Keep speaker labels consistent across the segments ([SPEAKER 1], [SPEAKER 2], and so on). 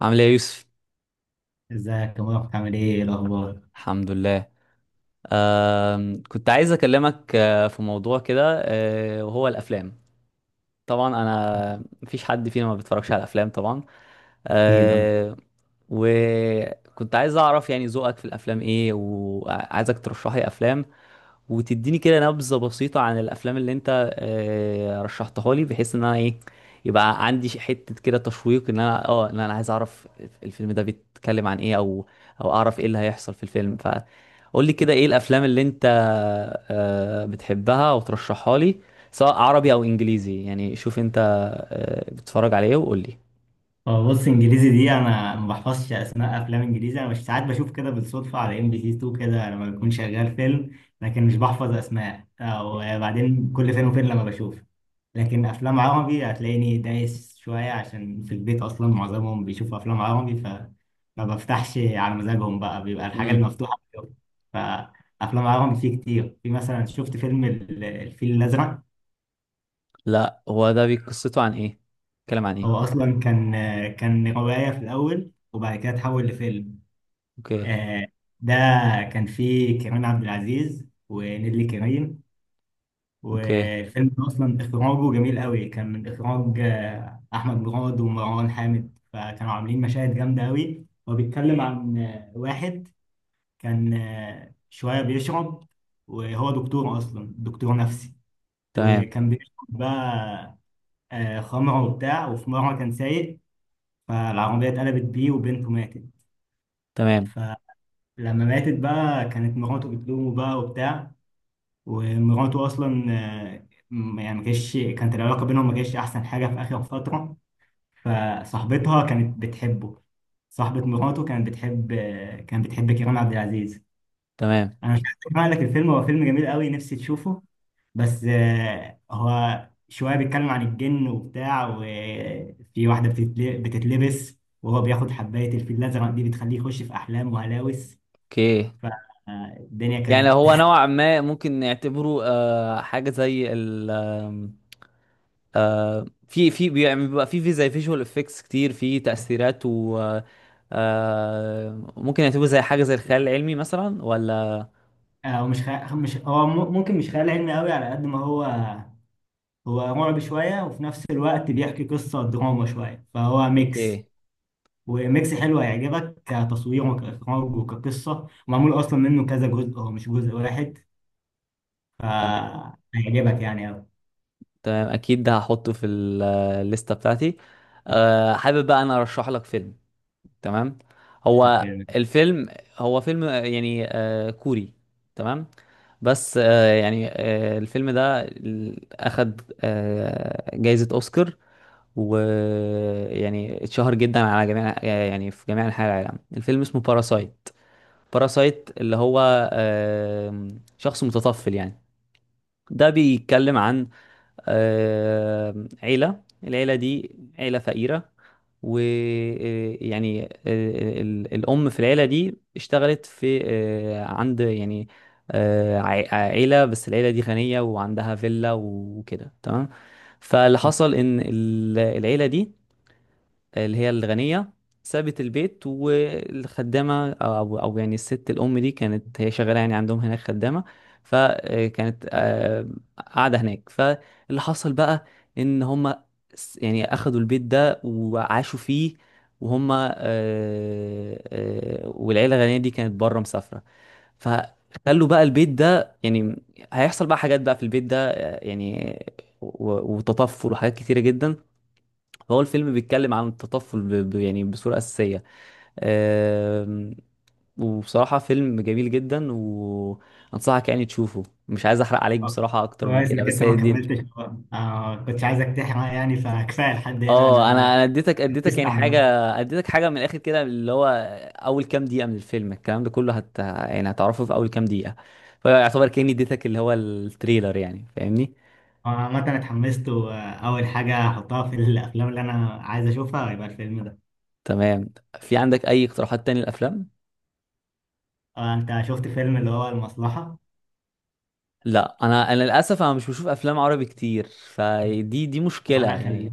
[SPEAKER 1] عامل ايه يا يوسف؟
[SPEAKER 2] ازيك يا مروة؟ عامل ايه؟ إيه الاخبار؟
[SPEAKER 1] الحمد لله. كنت عايز اكلمك، في موضوع كده، وهو الافلام. طبعا انا مفيش حد فينا ما بيتفرجش على الافلام، طبعا.
[SPEAKER 2] اكيد اه.
[SPEAKER 1] أه وكنت عايز اعرف يعني ذوقك في الافلام ايه، وعايزك ترشح لي افلام وتديني كده نبذة بسيطة عن الافلام اللي انت رشحتها لي، بحيث ان انا ايه، يبقى عندي حتة كده تشويق، ان انا عايز اعرف الفيلم ده بيتكلم عن ايه، او اعرف ايه اللي هيحصل في الفيلم. فقول لي كده ايه الافلام اللي انت بتحبها وترشحها لي، سواء عربي او انجليزي. يعني شوف انت بتتفرج على ايه، وقول
[SPEAKER 2] بص انجليزي دي انا ما بحفظش اسماء افلام انجليزي. انا مش ساعات بشوف كده بالصدفه على ام بي سي 2، كده لما بكون شغال فيلم لكن مش بحفظ اسماء. وبعدين كل فين وفين لما بشوف. لكن افلام عربي هتلاقيني دايس شويه، عشان في البيت اصلا معظمهم بيشوفوا افلام عربي، فما بفتحش على مزاجهم بقى، بيبقى الحاجه
[SPEAKER 1] لي.
[SPEAKER 2] المفتوحه. فافلام عربي فيه كتير. في مثلا شفت فيلم الفيل الازرق.
[SPEAKER 1] لا، هو ده قصته عن ايه؟ بيتكلم عن
[SPEAKER 2] هو
[SPEAKER 1] ايه؟
[SPEAKER 2] اصلا كان روايه في الاول، وبعد كده اتحول لفيلم.
[SPEAKER 1] اوكي.
[SPEAKER 2] آه، ده كان فيه كريم عبد العزيز ونيللي كريم.
[SPEAKER 1] اوكي،
[SPEAKER 2] والفيلم ده اصلا اخراجه جميل قوي، كان من اخراج احمد مراد ومروان حامد، فكانوا عاملين مشاهد جامده قوي. هو بيتكلم عن واحد كان شويه بيشرب، وهو دكتور اصلا، دكتور نفسي.
[SPEAKER 1] تمام.
[SPEAKER 2] وكان بيشرب بقى خمره وبتاع، وفي مره كان سايق، فالعربية اتقلبت بيه وبنته ماتت.
[SPEAKER 1] تمام.
[SPEAKER 2] فلما ماتت بقى كانت مراته بتلومه بقى وبتاع. ومراته أصلا يعني ما كانش كانت العلاقة بينهم ما كانتش أحسن حاجة في آخر فترة. فصاحبتها كانت بتحبه، صاحبة مراته كانت بتحب كريم عبد العزيز.
[SPEAKER 1] تمام.
[SPEAKER 2] أنا مش عايز أحرق لك الفيلم، هو فيلم جميل قوي، نفسي تشوفه. بس هو شوية بيتكلم عن الجن وبتاع، وفي واحدة بتتلبس، وهو بياخد حباية الفيل الأزرق دي بتخليه يخش في أحلام وهلاوس.
[SPEAKER 1] اوكي.
[SPEAKER 2] فالدنيا
[SPEAKER 1] يعني
[SPEAKER 2] كانت
[SPEAKER 1] هو نوعا ما ممكن نعتبره آه حاجه زي ال آم، في يعني بيبقى في زي فيجوال افكتس كتير في تاثيرات و آه، ممكن نعتبره زي حاجه زي الخيال العلمي مثلا، ولا؟
[SPEAKER 2] هو مش خيال، مش هو م- ممكن مش خيال علمي قوي على قد ما هو رعب شوية، وفي نفس الوقت بيحكي قصة دراما شوية. فهو
[SPEAKER 1] اوكي،
[SPEAKER 2] ميكس، وميكس حلو هيعجبك كتصوير وكإخراج وكقصة، ومعمول أصلا منه كذا جزء، هو مش جزء واحد.
[SPEAKER 1] تمام.
[SPEAKER 2] فهيعجبك يعني.
[SPEAKER 1] تمام اكيد، ده هحطه في الليسته بتاعتي. حابب بقى انا ارشح لك فيلم. تمام. هو
[SPEAKER 2] أوي.
[SPEAKER 1] الفيلم، هو فيلم يعني كوري. تمام. بس يعني الفيلم ده أخد جايزة أوسكار، ويعني اتشهر جدا على جميع يعني في جميع أنحاء العالم. الفيلم اسمه باراسايت. باراسايت اللي هو شخص متطفل، يعني. ده بيتكلم عن عيلة. العيلة دي عيلة فقيرة، ويعني الأم في العيلة دي اشتغلت في عند يعني عيلة. بس العيلة دي غنية وعندها فيلا وكده، تمام. فاللي حصل إن العيلة دي، اللي هي الغنية، سابت البيت والخدامة، أو يعني الست الأم دي كانت هي شغالة، يعني عندهم هناك خدامة. فكانت قاعدة هناك. فاللي حصل بقى إن هما يعني أخدوا البيت ده وعاشوا فيه. وهما والعيلة الغنية دي كانت بره مسافرة. فخلوا بقى البيت ده، يعني هيحصل بقى حاجات بقى في البيت ده، يعني وتطفل وحاجات كتيرة جدا. هو الفيلم بيتكلم عن التطفل، يعني بصورة أساسية. آم، وبصراحة فيلم جميل جدا، وأنصحك يعني تشوفه. مش عايز أحرق عليك
[SPEAKER 2] آه،
[SPEAKER 1] بصراحة أكتر من
[SPEAKER 2] كويس
[SPEAKER 1] كده،
[SPEAKER 2] انك
[SPEAKER 1] بس
[SPEAKER 2] انت
[SPEAKER 1] هي
[SPEAKER 2] ما
[SPEAKER 1] دي.
[SPEAKER 2] كملتش. كنت عايزك تحرق يعني، فكفايه لحد هنا،
[SPEAKER 1] اه،
[SPEAKER 2] انا
[SPEAKER 1] انا اديتك
[SPEAKER 2] اتحمست
[SPEAKER 1] يعني حاجه،
[SPEAKER 2] عامه.
[SPEAKER 1] اديتك حاجه من الاخر كده، اللي هو اول كام دقيقه من الفيلم الكلام ده كله يعني هتعرفه في اول كام دقيقه. فيعتبر كاني اديتك اللي هو التريلر، يعني، فاهمني.
[SPEAKER 2] عامة أنا اتحمست، وأول حاجة هحطها في الأفلام اللي أنا عايز أشوفها هيبقى الفيلم ده.
[SPEAKER 1] تمام. في عندك اي اقتراحات تاني للافلام؟
[SPEAKER 2] أنت شفت فيلم اللي هو المصلحة؟
[SPEAKER 1] لا، انا للاسف انا مش بشوف افلام عربي كتير، فدي دي مشكله
[SPEAKER 2] أنا
[SPEAKER 1] يعني.
[SPEAKER 2] هخليك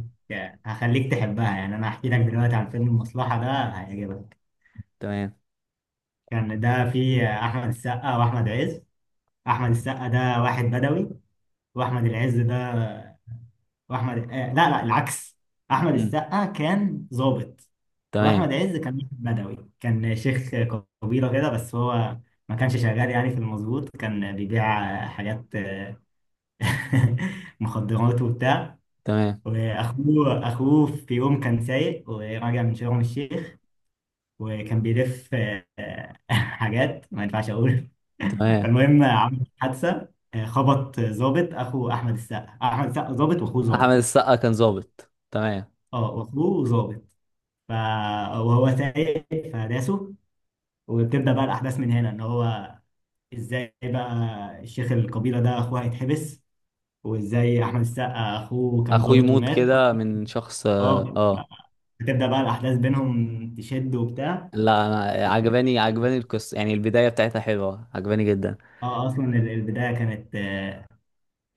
[SPEAKER 2] هخليك تحبها، يعني أنا هحكي لك دلوقتي عن فيلم المصلحة ده هيعجبك.
[SPEAKER 1] تمام.
[SPEAKER 2] كان ده فيه أحمد السقا وأحمد عز. أحمد السقا ده واحد بدوي، وأحمد العز ده واحمد آه لا لا، العكس. احمد
[SPEAKER 1] مم.
[SPEAKER 2] السقا كان ظابط،
[SPEAKER 1] تمام.
[SPEAKER 2] واحمد عز كان واحد بدوي، كان شيخ قبيله كده. بس هو ما كانش شغال يعني في المظبوط، كان بيبيع حاجات، مخدرات وبتاع.
[SPEAKER 1] تمام.
[SPEAKER 2] واخوه في يوم كان سايق وراجع من شرم الشيخ، وكان بيلف حاجات ما ينفعش اقول.
[SPEAKER 1] تمام.
[SPEAKER 2] فالمهم عمل حادثه، خبط ظابط، اخو احمد السقا. احمد السقا ظابط واخوه
[SPEAKER 1] احمد
[SPEAKER 2] ظابط،
[SPEAKER 1] السقا كان ظابط، تمام.
[SPEAKER 2] اه، واخوه ظابط. ف... وهو سايق، فداسه. وبتبدأ بقى الأحداث من هنا، إن هو إزاي بقى الشيخ القبيلة ده أخوه هيتحبس، وإزاي أحمد السقا أخوه كان
[SPEAKER 1] اخوي
[SPEAKER 2] ضابط
[SPEAKER 1] موت
[SPEAKER 2] ومات.
[SPEAKER 1] كده من شخص، اه
[SPEAKER 2] أه،
[SPEAKER 1] آه.
[SPEAKER 2] بتبدأ بقى الأحداث بينهم تشد وبتاع.
[SPEAKER 1] لا، انا عجباني القصه، يعني البدايه بتاعتها حلوه، عجباني جدا.
[SPEAKER 2] أه أصلا البداية كانت آه،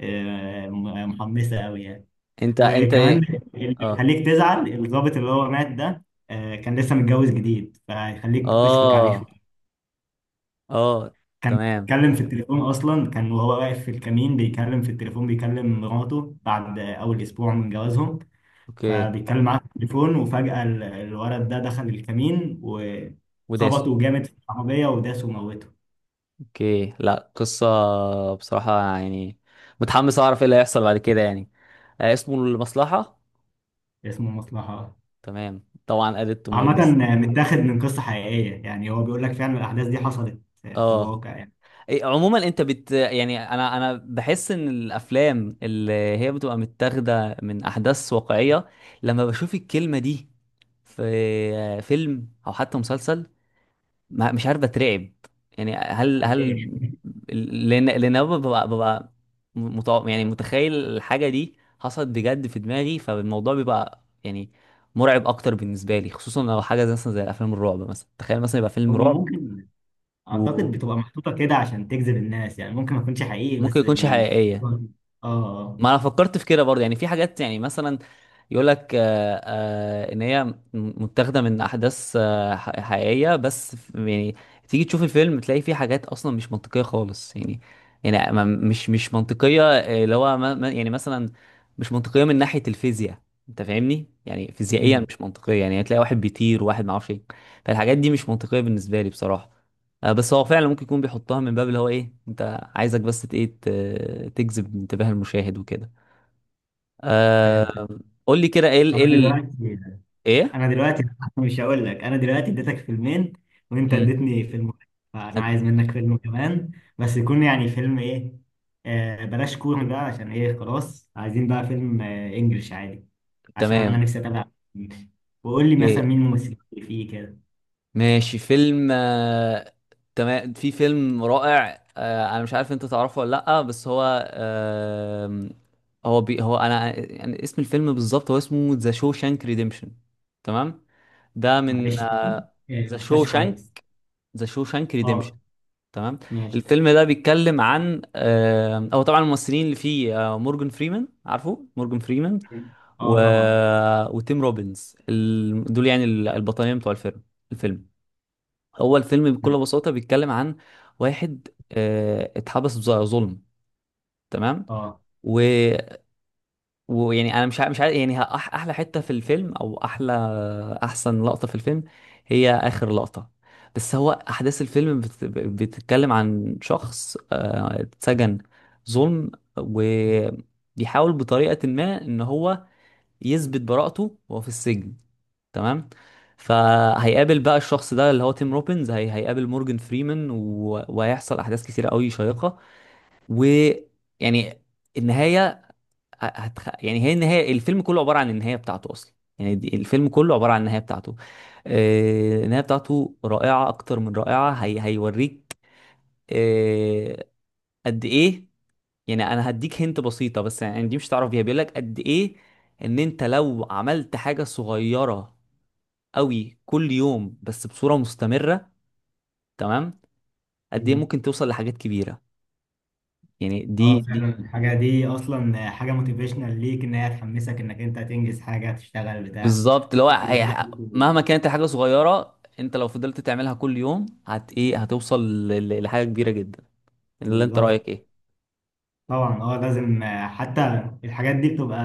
[SPEAKER 2] آه، م- محمسة أوي يعني.
[SPEAKER 1] انت
[SPEAKER 2] وكمان
[SPEAKER 1] ايه؟
[SPEAKER 2] اللي
[SPEAKER 1] اه.
[SPEAKER 2] بيخليك تزعل، الضابط اللي هو مات ده كان لسه متجوز جديد، فهيخليك تشفق عليه.
[SPEAKER 1] اه. اه.
[SPEAKER 2] كان
[SPEAKER 1] تمام.
[SPEAKER 2] بيتكلم في التليفون اصلا، كان وهو واقف في الكمين بيتكلم في التليفون، بيكلم مراته بعد اول اسبوع من جوازهم.
[SPEAKER 1] اوكي.
[SPEAKER 2] فبيتكلم معاه في التليفون، وفجأة الولد ده دخل الكمين
[SPEAKER 1] وداس.
[SPEAKER 2] وخبطه جامد في العربية وداسه وموته.
[SPEAKER 1] اوكي، لا قصه. بصراحه يعني متحمس اعرف ايه اللي هيحصل بعد كده، يعني. اسمه المصلحه.
[SPEAKER 2] اسمه مصلحة.
[SPEAKER 1] تمام، طبعا added to my
[SPEAKER 2] عامة،
[SPEAKER 1] list.
[SPEAKER 2] متاخد من قصة حقيقية يعني، هو بيقول لك فعلا الأحداث دي حصلت في
[SPEAKER 1] اه.
[SPEAKER 2] الواقع يعني.
[SPEAKER 1] عموما انت يعني انا بحس ان الافلام اللي هي بتبقى متاخده من احداث واقعيه، لما بشوف الكلمه دي في فيلم او حتى مسلسل، مش عارف، بترعب. يعني هل
[SPEAKER 2] ليه؟
[SPEAKER 1] لان أنا ببقى يعني متخيل الحاجه دي حصلت بجد في دماغي. فالموضوع بيبقى يعني مرعب اكتر بالنسبه لي، خصوصا لو حاجه زي مثلا زي افلام الرعب مثلا. تخيل مثلا يبقى فيلم
[SPEAKER 2] هو
[SPEAKER 1] رعب
[SPEAKER 2] ممكن، أعتقد
[SPEAKER 1] وممكن
[SPEAKER 2] بتبقى محطوطة كده عشان تجذب الناس، يعني ممكن ما يكونش حقيقي، بس
[SPEAKER 1] يكونش
[SPEAKER 2] بي...
[SPEAKER 1] حقيقيه.
[SPEAKER 2] اه، اه.
[SPEAKER 1] ما انا فكرت في كده برضه، يعني في حاجات يعني مثلا يقول لك ان هي متاخده من احداث حقيقيه، بس يعني تيجي تشوف الفيلم تلاقي فيه حاجات اصلا مش منطقيه خالص، يعني. يعني مش منطقيه، اللي هو يعني مثلا مش منطقيه من ناحيه الفيزياء. انت فاهمني، يعني فيزيائيا
[SPEAKER 2] مم.
[SPEAKER 1] مش منطقيه. يعني هتلاقي واحد بيطير، وواحد ما اعرفش ايه. فالحاجات دي مش منطقيه بالنسبه لي، بصراحه. بس هو فعلا ممكن يكون بيحطها من باب اللي هو ايه، انت عايزك بس ايه تجذب انتباه المشاهد وكده.
[SPEAKER 2] فهمت.
[SPEAKER 1] آه. قول لي كده ايه ال
[SPEAKER 2] انا دلوقتي
[SPEAKER 1] ايه.
[SPEAKER 2] انا دلوقتي مش هقول لك. انا دلوقتي اديتك فيلمين وانت
[SPEAKER 1] امم.
[SPEAKER 2] اديتني فيلم واحد، فانا عايز منك فيلم كمان. بس يكون يعني فيلم ايه. بلاش كوري بقى، عشان ايه خلاص عايزين بقى فيلم انجلش عادي، عشان انا
[SPEAKER 1] تمام.
[SPEAKER 2] نفسي اتابع إنجلش. وقول لي مثلا
[SPEAKER 1] ايه.
[SPEAKER 2] مين الممثلين اللي فيه كده.
[SPEAKER 1] ماشي، فيلم تمام. في فيلم رائع انا مش عارف انت تعرفه ولا لا، بس هو هو بي هو يعني اسم الفيلم بالظبط، هو اسمه ذا شوشانك ريديمشن. تمام. ده من.
[SPEAKER 2] معلش، تاني،
[SPEAKER 1] ذا
[SPEAKER 2] ما سمعتش كويس.
[SPEAKER 1] شوشانك. ذا شوشانك.
[SPEAKER 2] اه،
[SPEAKER 1] تمام.
[SPEAKER 2] ماشي.
[SPEAKER 1] الفيلم ده بيتكلم عن هو طبعا الممثلين اللي فيه مورجان فريمان، عارفه مورجان فريمان؟
[SPEAKER 2] اه،
[SPEAKER 1] و...
[SPEAKER 2] طبعا.
[SPEAKER 1] وتيم روبنز ال... دول يعني البطلين بتوع الفيلم. الفيلم، هو الفيلم بكل بساطة بيتكلم عن واحد اتحبس بظلم. تمام.
[SPEAKER 2] اه،
[SPEAKER 1] ويعني انا مش عارف، يعني احلى حته في الفيلم او احلى احسن لقطه في الفيلم هي اخر لقطه. بس هو احداث الفيلم بتتكلم عن شخص اتسجن ظلم، وبيحاول بطريقه ما ان هو يثبت براءته وهو في السجن. تمام. فهيقابل بقى الشخص ده اللي هو تيم روبنز، هيقابل مورجان فريمان، وهيحصل احداث كتيره قوي شيقه. ويعني النهايه، يعني هي النهايه، الفيلم كله عباره عن النهايه بتاعته اصلا. يعني الفيلم كله عباره عن النهايه بتاعته. النهايه بتاعته رائعه، اكتر من رائعه. هيوريك. آه، قد ايه. يعني انا هديك هنت بسيطه، بس يعني دي مش هتعرف بيها. بيقول لك قد ايه ان انت لو عملت حاجه صغيره قوي كل يوم، بس بصوره مستمره. تمام. قد ايه ممكن توصل لحاجات كبيره. يعني
[SPEAKER 2] اه،
[SPEAKER 1] دي
[SPEAKER 2] فعلا
[SPEAKER 1] دي
[SPEAKER 2] الحاجة دي أصلا حاجة موتيفيشنال ليك، إن هي تحمسك إنك أنت تنجز حاجة، تشتغل بتاع
[SPEAKER 1] بالظبط، اللي هو مهما كانت الحاجه صغيره، انت لو فضلت تعملها كل يوم ايه، هتوصل لحاجه كبيره جدا. اللي انت
[SPEAKER 2] بالظبط.
[SPEAKER 1] رايك ايه؟
[SPEAKER 2] طبعا اه، لازم. حتى الحاجات دي بتبقى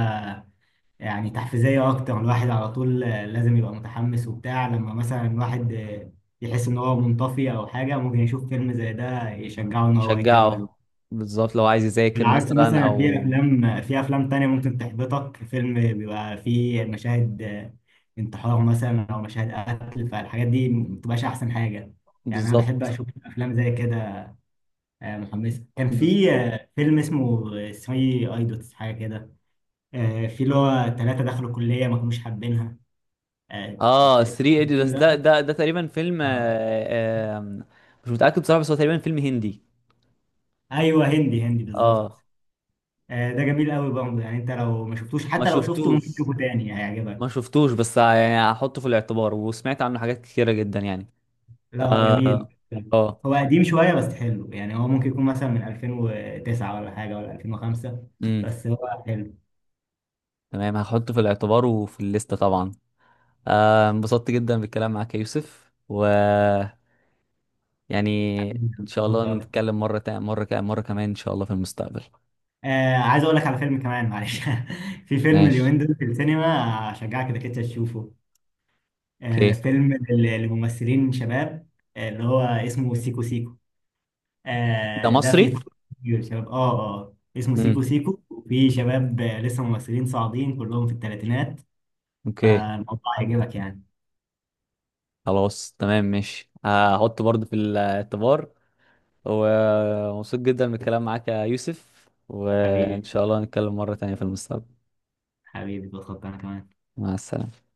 [SPEAKER 2] يعني تحفيزية أكتر. الواحد على طول لازم يبقى متحمس وبتاع، لما مثلا الواحد يحس إن هو منطفي أو حاجة، ممكن يشوف فيلم زي ده يشجعه إن هو يكمل.
[SPEAKER 1] شجعه. بالظبط، لو عايز
[SPEAKER 2] على
[SPEAKER 1] يذاكر
[SPEAKER 2] عكس
[SPEAKER 1] مثلا
[SPEAKER 2] مثلا، في
[SPEAKER 1] او.
[SPEAKER 2] افلام في افلام تانية ممكن تحبطك. فيلم بيبقى فيه مشاهد انتحار مثلا، او مشاهد قتل، فالحاجات دي ما بتبقاش احسن حاجة، يعني انا بحب
[SPEAKER 1] بالظبط.
[SPEAKER 2] اشوف افلام زي كده، محمسة. كان
[SPEAKER 1] بز-
[SPEAKER 2] في فيلم اسمه 3 ايدوتس حاجة كده. في اللي هو ثلاثة دخلوا كلية ما كانوش حابينها.
[SPEAKER 1] اه، 3 ايديوتس،
[SPEAKER 2] الفيلم
[SPEAKER 1] ده
[SPEAKER 2] ده.
[SPEAKER 1] ده ده تقريبا فيلم
[SPEAKER 2] اه،
[SPEAKER 1] آه، آم، مش متاكد بصراحه، بس هو تقريبا فيلم هندي.
[SPEAKER 2] ايوه، هندي هندي
[SPEAKER 1] اه.
[SPEAKER 2] بالظبط. ده جميل قوي برضه، يعني انت لو ما شفتوش،
[SPEAKER 1] ما
[SPEAKER 2] حتى لو شفته ممكن
[SPEAKER 1] شفتوش.
[SPEAKER 2] تشوفه تاني
[SPEAKER 1] ما
[SPEAKER 2] هيعجبك.
[SPEAKER 1] شفتوش، بس يعني هحطه في الاعتبار، وسمعت عنه حاجات كتيره جدا يعني.
[SPEAKER 2] لا، هو
[SPEAKER 1] اه.
[SPEAKER 2] جميل.
[SPEAKER 1] اه.
[SPEAKER 2] هو قديم شوية بس حلو، يعني هو ممكن يكون مثلا من 2009 ولا حاجة، ولا 2005.
[SPEAKER 1] امم.
[SPEAKER 2] بس هو حلو.
[SPEAKER 1] تمام، هحطه في الاعتبار وفي الليستة طبعا. انبسطت جدا بالكلام معاك يا يوسف، و... يعني ان شاء الله نتكلم مرة تاني، مرة كمان، مرة كمان ان شاء الله في المستقبل.
[SPEAKER 2] عايز أقول لك على فيلم كمان، معلش. في فيلم
[SPEAKER 1] ماشي.
[SPEAKER 2] اليومين دول في السينما، أشجعك إنك أنت تشوفه.
[SPEAKER 1] اوكي.
[SPEAKER 2] فيلم لممثلين شباب، اللي هو اسمه سيكو سيكو.
[SPEAKER 1] انت
[SPEAKER 2] ده فيه
[SPEAKER 1] مصري؟
[SPEAKER 2] طبعاً كتير شباب. اسمه
[SPEAKER 1] امم.
[SPEAKER 2] سيكو سيكو، وفيه شباب لسه ممثلين صاعدين كلهم في الثلاثينات.
[SPEAKER 1] اوكي.
[SPEAKER 2] فالموضوع هيعجبك يعني.
[SPEAKER 1] خلاص، تمام ماشي، هحطه برضه في الاعتبار. ومبسوط جدا بالكلام معاك يا يوسف، وان
[SPEAKER 2] حبيبي،
[SPEAKER 1] شاء الله نتكلم مرة تانية في المستقبل.
[SPEAKER 2] حبيبي، بتخطى انا كمان.
[SPEAKER 1] مع السلامة.